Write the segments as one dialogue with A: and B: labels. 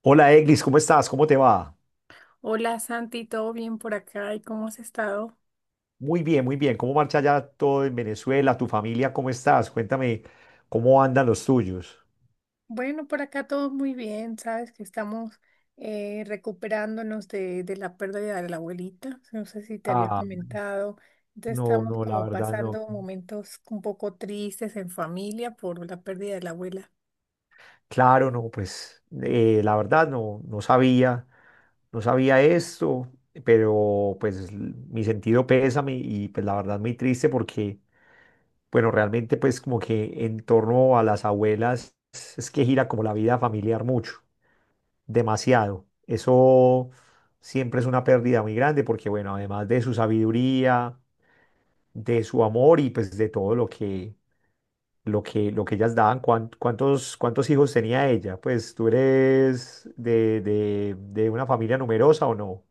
A: Hola Eglis, ¿cómo estás? ¿Cómo te va?
B: Hola Santi, ¿todo bien por acá? ¿Y cómo has estado?
A: Muy bien, muy bien. ¿Cómo marcha ya todo en Venezuela? ¿Tu familia cómo estás? Cuéntame cómo andan los tuyos.
B: Bueno, por acá todo muy bien, sabes que estamos recuperándonos de la pérdida de la abuelita, no sé si te había
A: Ah,
B: comentado, entonces
A: no,
B: estamos
A: no, la
B: como
A: verdad no.
B: pasando momentos un poco tristes en familia por la pérdida de la abuela.
A: Claro, no, pues la verdad no, no sabía esto, pero pues mi sentido pésame y pues la verdad muy triste porque, bueno, realmente pues como que en torno a las abuelas es que gira como la vida familiar mucho. Demasiado. Eso siempre es una pérdida muy grande porque, bueno, además de su sabiduría, de su amor y pues de todo lo que ellas daban, ¿cuántos, cuántos hijos tenía ella? Pues tú eres de una familia numerosa o no?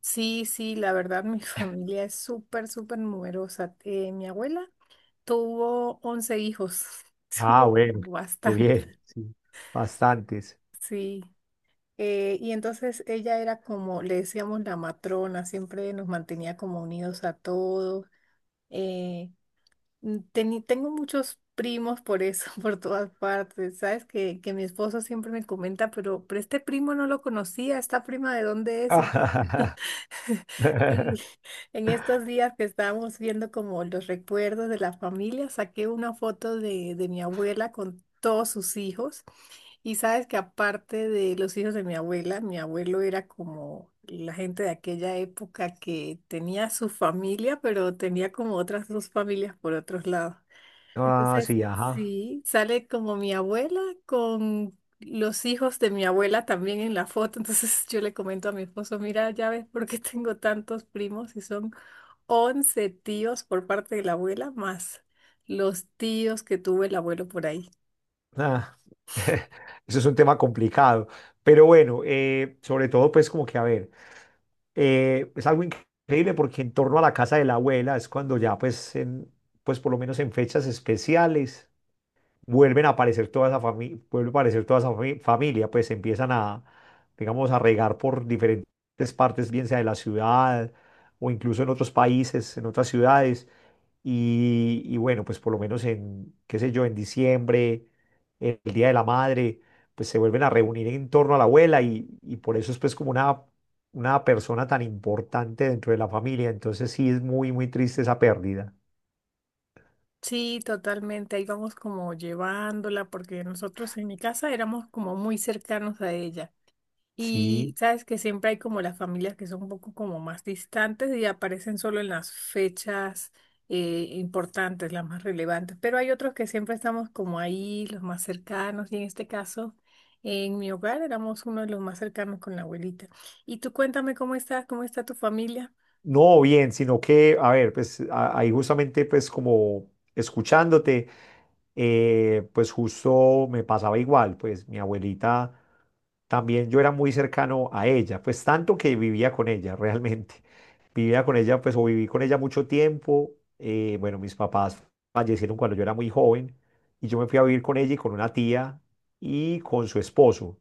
B: Sí, sí, la verdad mi familia es súper, súper numerosa. Mi abuela tuvo 11 hijos,
A: Ah,
B: tuvo
A: bueno, qué
B: bastante,
A: bien, sí, bastantes.
B: sí. Y entonces ella era como, le decíamos la matrona, siempre nos mantenía como unidos a todos. Eh, Tengo muchos primos por eso, por todas partes. Sabes que mi esposo siempre me comenta, pero este primo no lo conocía, ¿esta prima de dónde es? Sí, en estos días que estábamos viendo como los recuerdos de la familia, saqué una foto de mi abuela con todos sus hijos. Y sabes que aparte de los hijos de mi abuela, mi abuelo era como la gente de aquella época que tenía su familia, pero tenía como otras dos familias por otros lados.
A: Ah,
B: Entonces,
A: sí, ajá.
B: sí, sale como mi abuela con los hijos de mi abuela también en la foto. Entonces yo le comento a mi esposo, mira, ya ves por qué tengo tantos primos y son 11 tíos por parte de la abuela más los tíos que tuvo el abuelo por ahí.
A: Ah, eso es un tema complicado. Pero bueno, sobre todo, pues como que a ver. Es algo increíble porque en torno a la casa de la abuela es cuando ya pues, en, pues por lo menos en fechas especiales vuelven a aparecer toda esa familia, vuelve a aparecer toda esa familia, pues empiezan a, digamos, a regar por diferentes partes, bien sea de la ciudad o incluso en otros países, en otras ciudades, y bueno, pues por lo menos en, qué sé yo, en diciembre, el Día de la Madre, pues se vuelven a reunir en torno a la abuela y por eso es pues como una persona tan importante dentro de la familia. Entonces sí es muy, muy triste esa pérdida.
B: Sí, totalmente. Ahí vamos como llevándola porque nosotros en mi casa éramos como muy cercanos a ella. Y
A: Sí.
B: sabes que siempre hay como las familias que son un poco como más distantes y aparecen solo en las fechas importantes, las más relevantes, pero hay otros que siempre estamos como ahí, los más cercanos, y en este caso, en mi hogar éramos uno de los más cercanos con la abuelita. Y tú cuéntame cómo estás, cómo está tu familia.
A: No, bien, sino que, a ver, pues ahí justamente pues como escuchándote, pues justo me pasaba igual, pues mi abuelita también yo era muy cercano a ella, pues tanto que vivía con ella realmente, vivía con ella pues o viví con ella mucho tiempo, bueno, mis papás fallecieron cuando yo era muy joven y yo me fui a vivir con ella y con una tía y con su esposo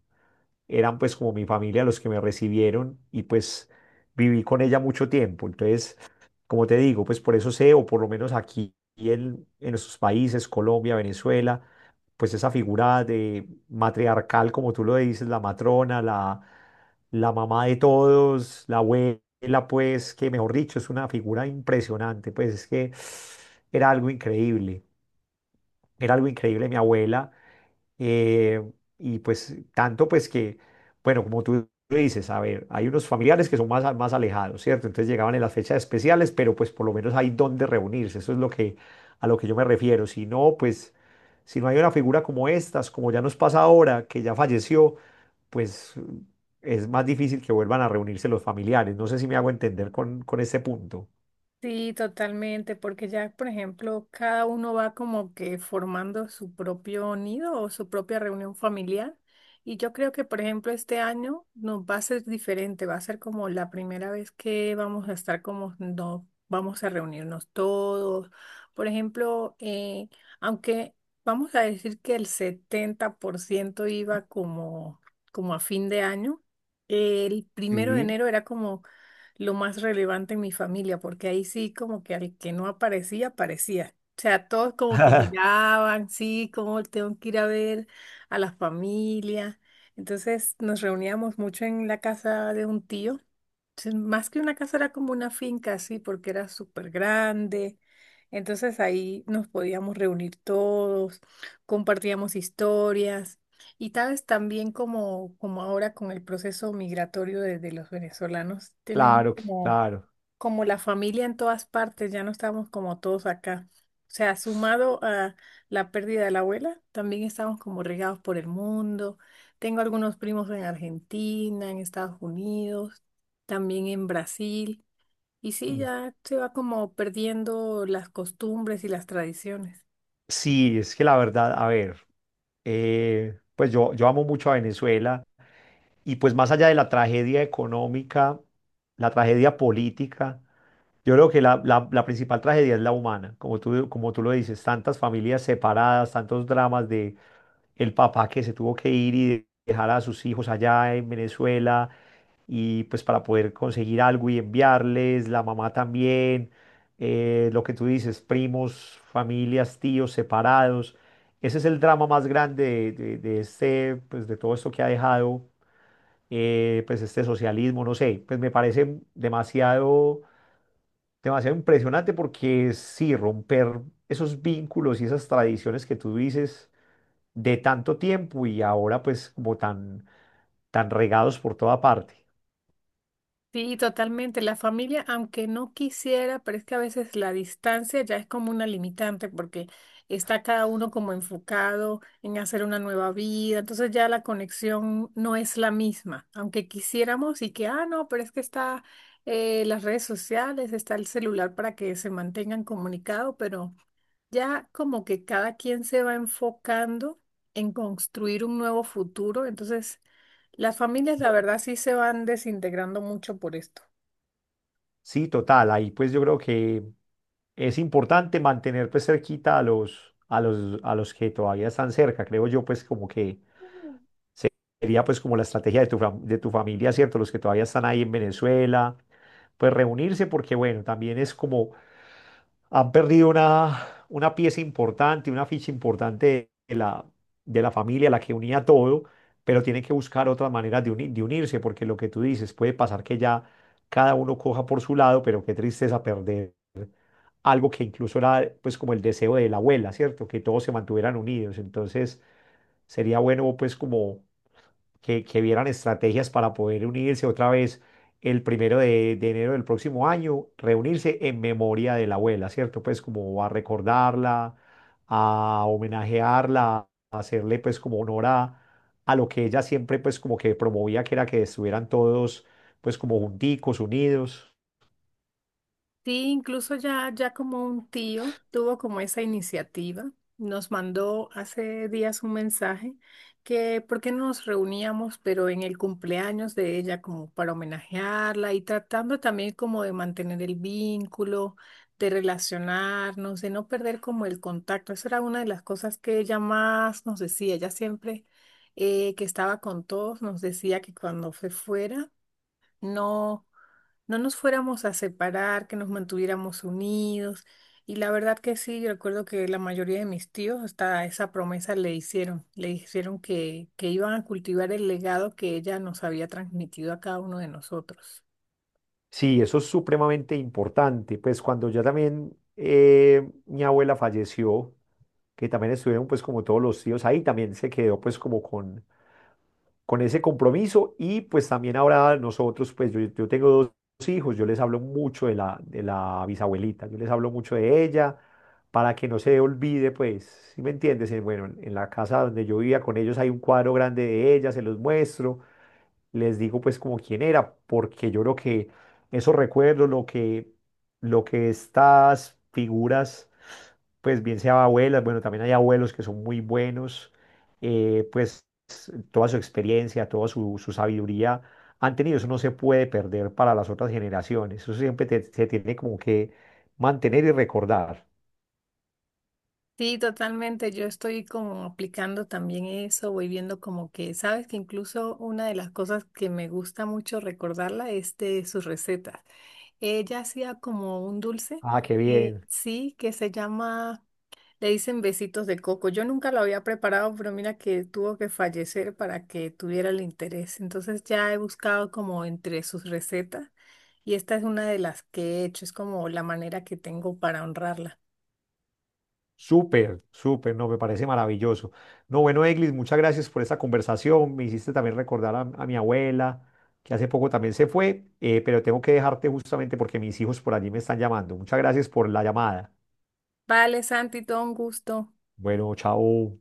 A: eran pues como mi familia los que me recibieron y pues viví con ella mucho tiempo. Entonces, como te digo, pues por eso sé, o por lo menos aquí en nuestros países, Colombia, Venezuela, pues esa figura de matriarcal, como tú lo dices, la matrona, la mamá de todos, la abuela, pues que mejor dicho, es una figura impresionante, pues es que era algo increíble. Era algo increíble, mi abuela. eh, y pues tanto pues que, bueno, como tú lo dices, a ver, hay unos familiares que son más, más alejados, ¿cierto? Entonces llegaban en las fechas especiales, pero pues por lo menos hay donde reunirse. Eso es lo que, a lo que yo me refiero. Si no, pues, si no hay una figura como estas, como ya nos pasa ahora, que ya falleció, pues es más difícil que vuelvan a reunirse los familiares. No sé si me hago entender con este punto.
B: Sí, totalmente, porque ya, por ejemplo, cada uno va como que formando su propio nido o su propia reunión familiar. Y yo creo que, por ejemplo, este año nos va a ser diferente, va a ser como la primera vez que vamos a estar como no vamos a reunirnos todos. Por ejemplo, aunque vamos a decir que el 70% iba como, como a fin de año, el primero de
A: Sí.
B: enero era como lo más relevante en mi familia, porque ahí sí como que al que no aparecía, aparecía. O sea, todos como que llegaban, sí, como tengo que ir a ver a la familia. Entonces nos reuníamos mucho en la casa de un tío. Entonces, más que una casa era como una finca, sí, porque era súper grande. Entonces ahí nos podíamos reunir todos, compartíamos historias. Y sabes, también como, como ahora con el proceso migratorio de los venezolanos, tenemos
A: Claro,
B: como,
A: claro.
B: como la familia en todas partes, ya no estamos como todos acá. O sea, sumado a la pérdida de la abuela, también estamos como regados por el mundo. Tengo algunos primos en Argentina, en Estados Unidos, también en Brasil. Y sí, ya se va como perdiendo las costumbres y las tradiciones.
A: Sí, es que la verdad, a ver, pues yo amo mucho a Venezuela y pues más allá de la tragedia económica, la tragedia política, yo creo que la, la principal tragedia es la humana, como tú lo dices, tantas familias separadas, tantos dramas de el papá que se tuvo que ir y dejar a sus hijos allá en Venezuela y pues para poder conseguir algo y enviarles, la mamá también lo que tú dices, primos, familias, tíos separados. Ese es el drama más grande de, de este, pues de todo esto que ha dejado, pues este socialismo, no sé, pues me parece demasiado, demasiado impresionante porque sí, romper esos vínculos y esas tradiciones que tú dices de tanto tiempo y ahora pues como tan, tan regados por toda parte.
B: Sí, totalmente. La familia, aunque no quisiera, pero es que a veces la distancia ya es como una limitante porque está cada uno como enfocado en hacer una nueva vida, entonces ya la conexión no es la misma, aunque quisiéramos y que, ah, no, pero es que está las redes sociales, está el celular para que se mantengan comunicados, pero. Ya como que cada quien se va enfocando en construir un nuevo futuro, entonces las familias la verdad sí se van desintegrando mucho por esto.
A: Sí, total. Ahí pues yo creo que es importante mantener pues cerquita a los, a los, a los que todavía están cerca. Creo yo pues como que se- sería pues como la estrategia de tu, de tu familia, ¿cierto? Los que todavía están ahí en Venezuela, pues reunirse porque bueno, también es como han perdido una pieza importante, una ficha importante de la familia, la que unía todo, pero tienen que buscar otras maneras de, de unirse, porque lo que tú dices, puede pasar que ya cada uno coja por su lado, pero qué tristeza perder algo que incluso era pues como el deseo de la abuela, ¿cierto? Que todos se mantuvieran unidos. Entonces sería bueno pues como que vieran estrategias para poder unirse otra vez el primero de enero del próximo año, reunirse en memoria de la abuela, ¿cierto? Pues como a recordarla, a homenajearla, a hacerle pues como honor a lo que ella siempre pues como que promovía, que era que estuvieran todos pues como junticos, unidos.
B: Sí, incluso ya, ya como un tío tuvo como esa iniciativa, nos mandó hace días un mensaje que por qué no nos reuníamos, pero en el cumpleaños de ella como para homenajearla y tratando también como de mantener el vínculo, de relacionarnos, de no perder como el contacto. Esa era una de las cosas que ella más nos decía. Ella siempre que estaba con todos nos decía que cuando se fuera no, no nos fuéramos a separar, que nos mantuviéramos unidos. Y la verdad que sí, yo recuerdo que la mayoría de mis tíos hasta esa promesa le hicieron, que iban a cultivar el legado que ella nos había transmitido a cada uno de nosotros.
A: Sí, eso es supremamente importante, pues cuando ya también mi abuela falleció, que también estuvieron pues como todos los tíos ahí, también se quedó pues como con ese compromiso y pues también ahora nosotros, pues yo tengo 2 hijos, yo les hablo mucho de la bisabuelita, yo les hablo mucho de ella para que no se olvide, pues, ¿si me entiendes? Bueno, en la casa donde yo vivía con ellos hay un cuadro grande de ella, se los muestro, les digo pues como quién era, porque yo creo que esos recuerdos, lo que estas figuras, pues bien sea abuelas, bueno, también hay abuelos que son muy buenos, pues toda su experiencia, toda su, su sabiduría han tenido, eso no se puede perder para las otras generaciones, eso siempre se tiene como que mantener y recordar.
B: Sí, totalmente. Yo estoy como aplicando también eso, voy viendo como que, sabes que incluso una de las cosas que me gusta mucho recordarla es de sus recetas. Ella hacía como un dulce
A: Ah, qué
B: que
A: bien.
B: sí, que se llama. Le dicen besitos de coco. Yo nunca lo había preparado, pero mira que tuvo que fallecer para que tuviera el interés. Entonces ya he buscado como entre sus recetas y esta es una de las que he hecho. Es como la manera que tengo para honrarla.
A: Súper, súper, no, me parece maravilloso. No, bueno, Eglis, muchas gracias por esta conversación. Me hiciste también recordar a mi abuela, que hace poco también se fue, pero tengo que dejarte justamente porque mis hijos por allí me están llamando. Muchas gracias por la llamada.
B: Vale, Santi, todo un gusto.
A: Bueno, chao.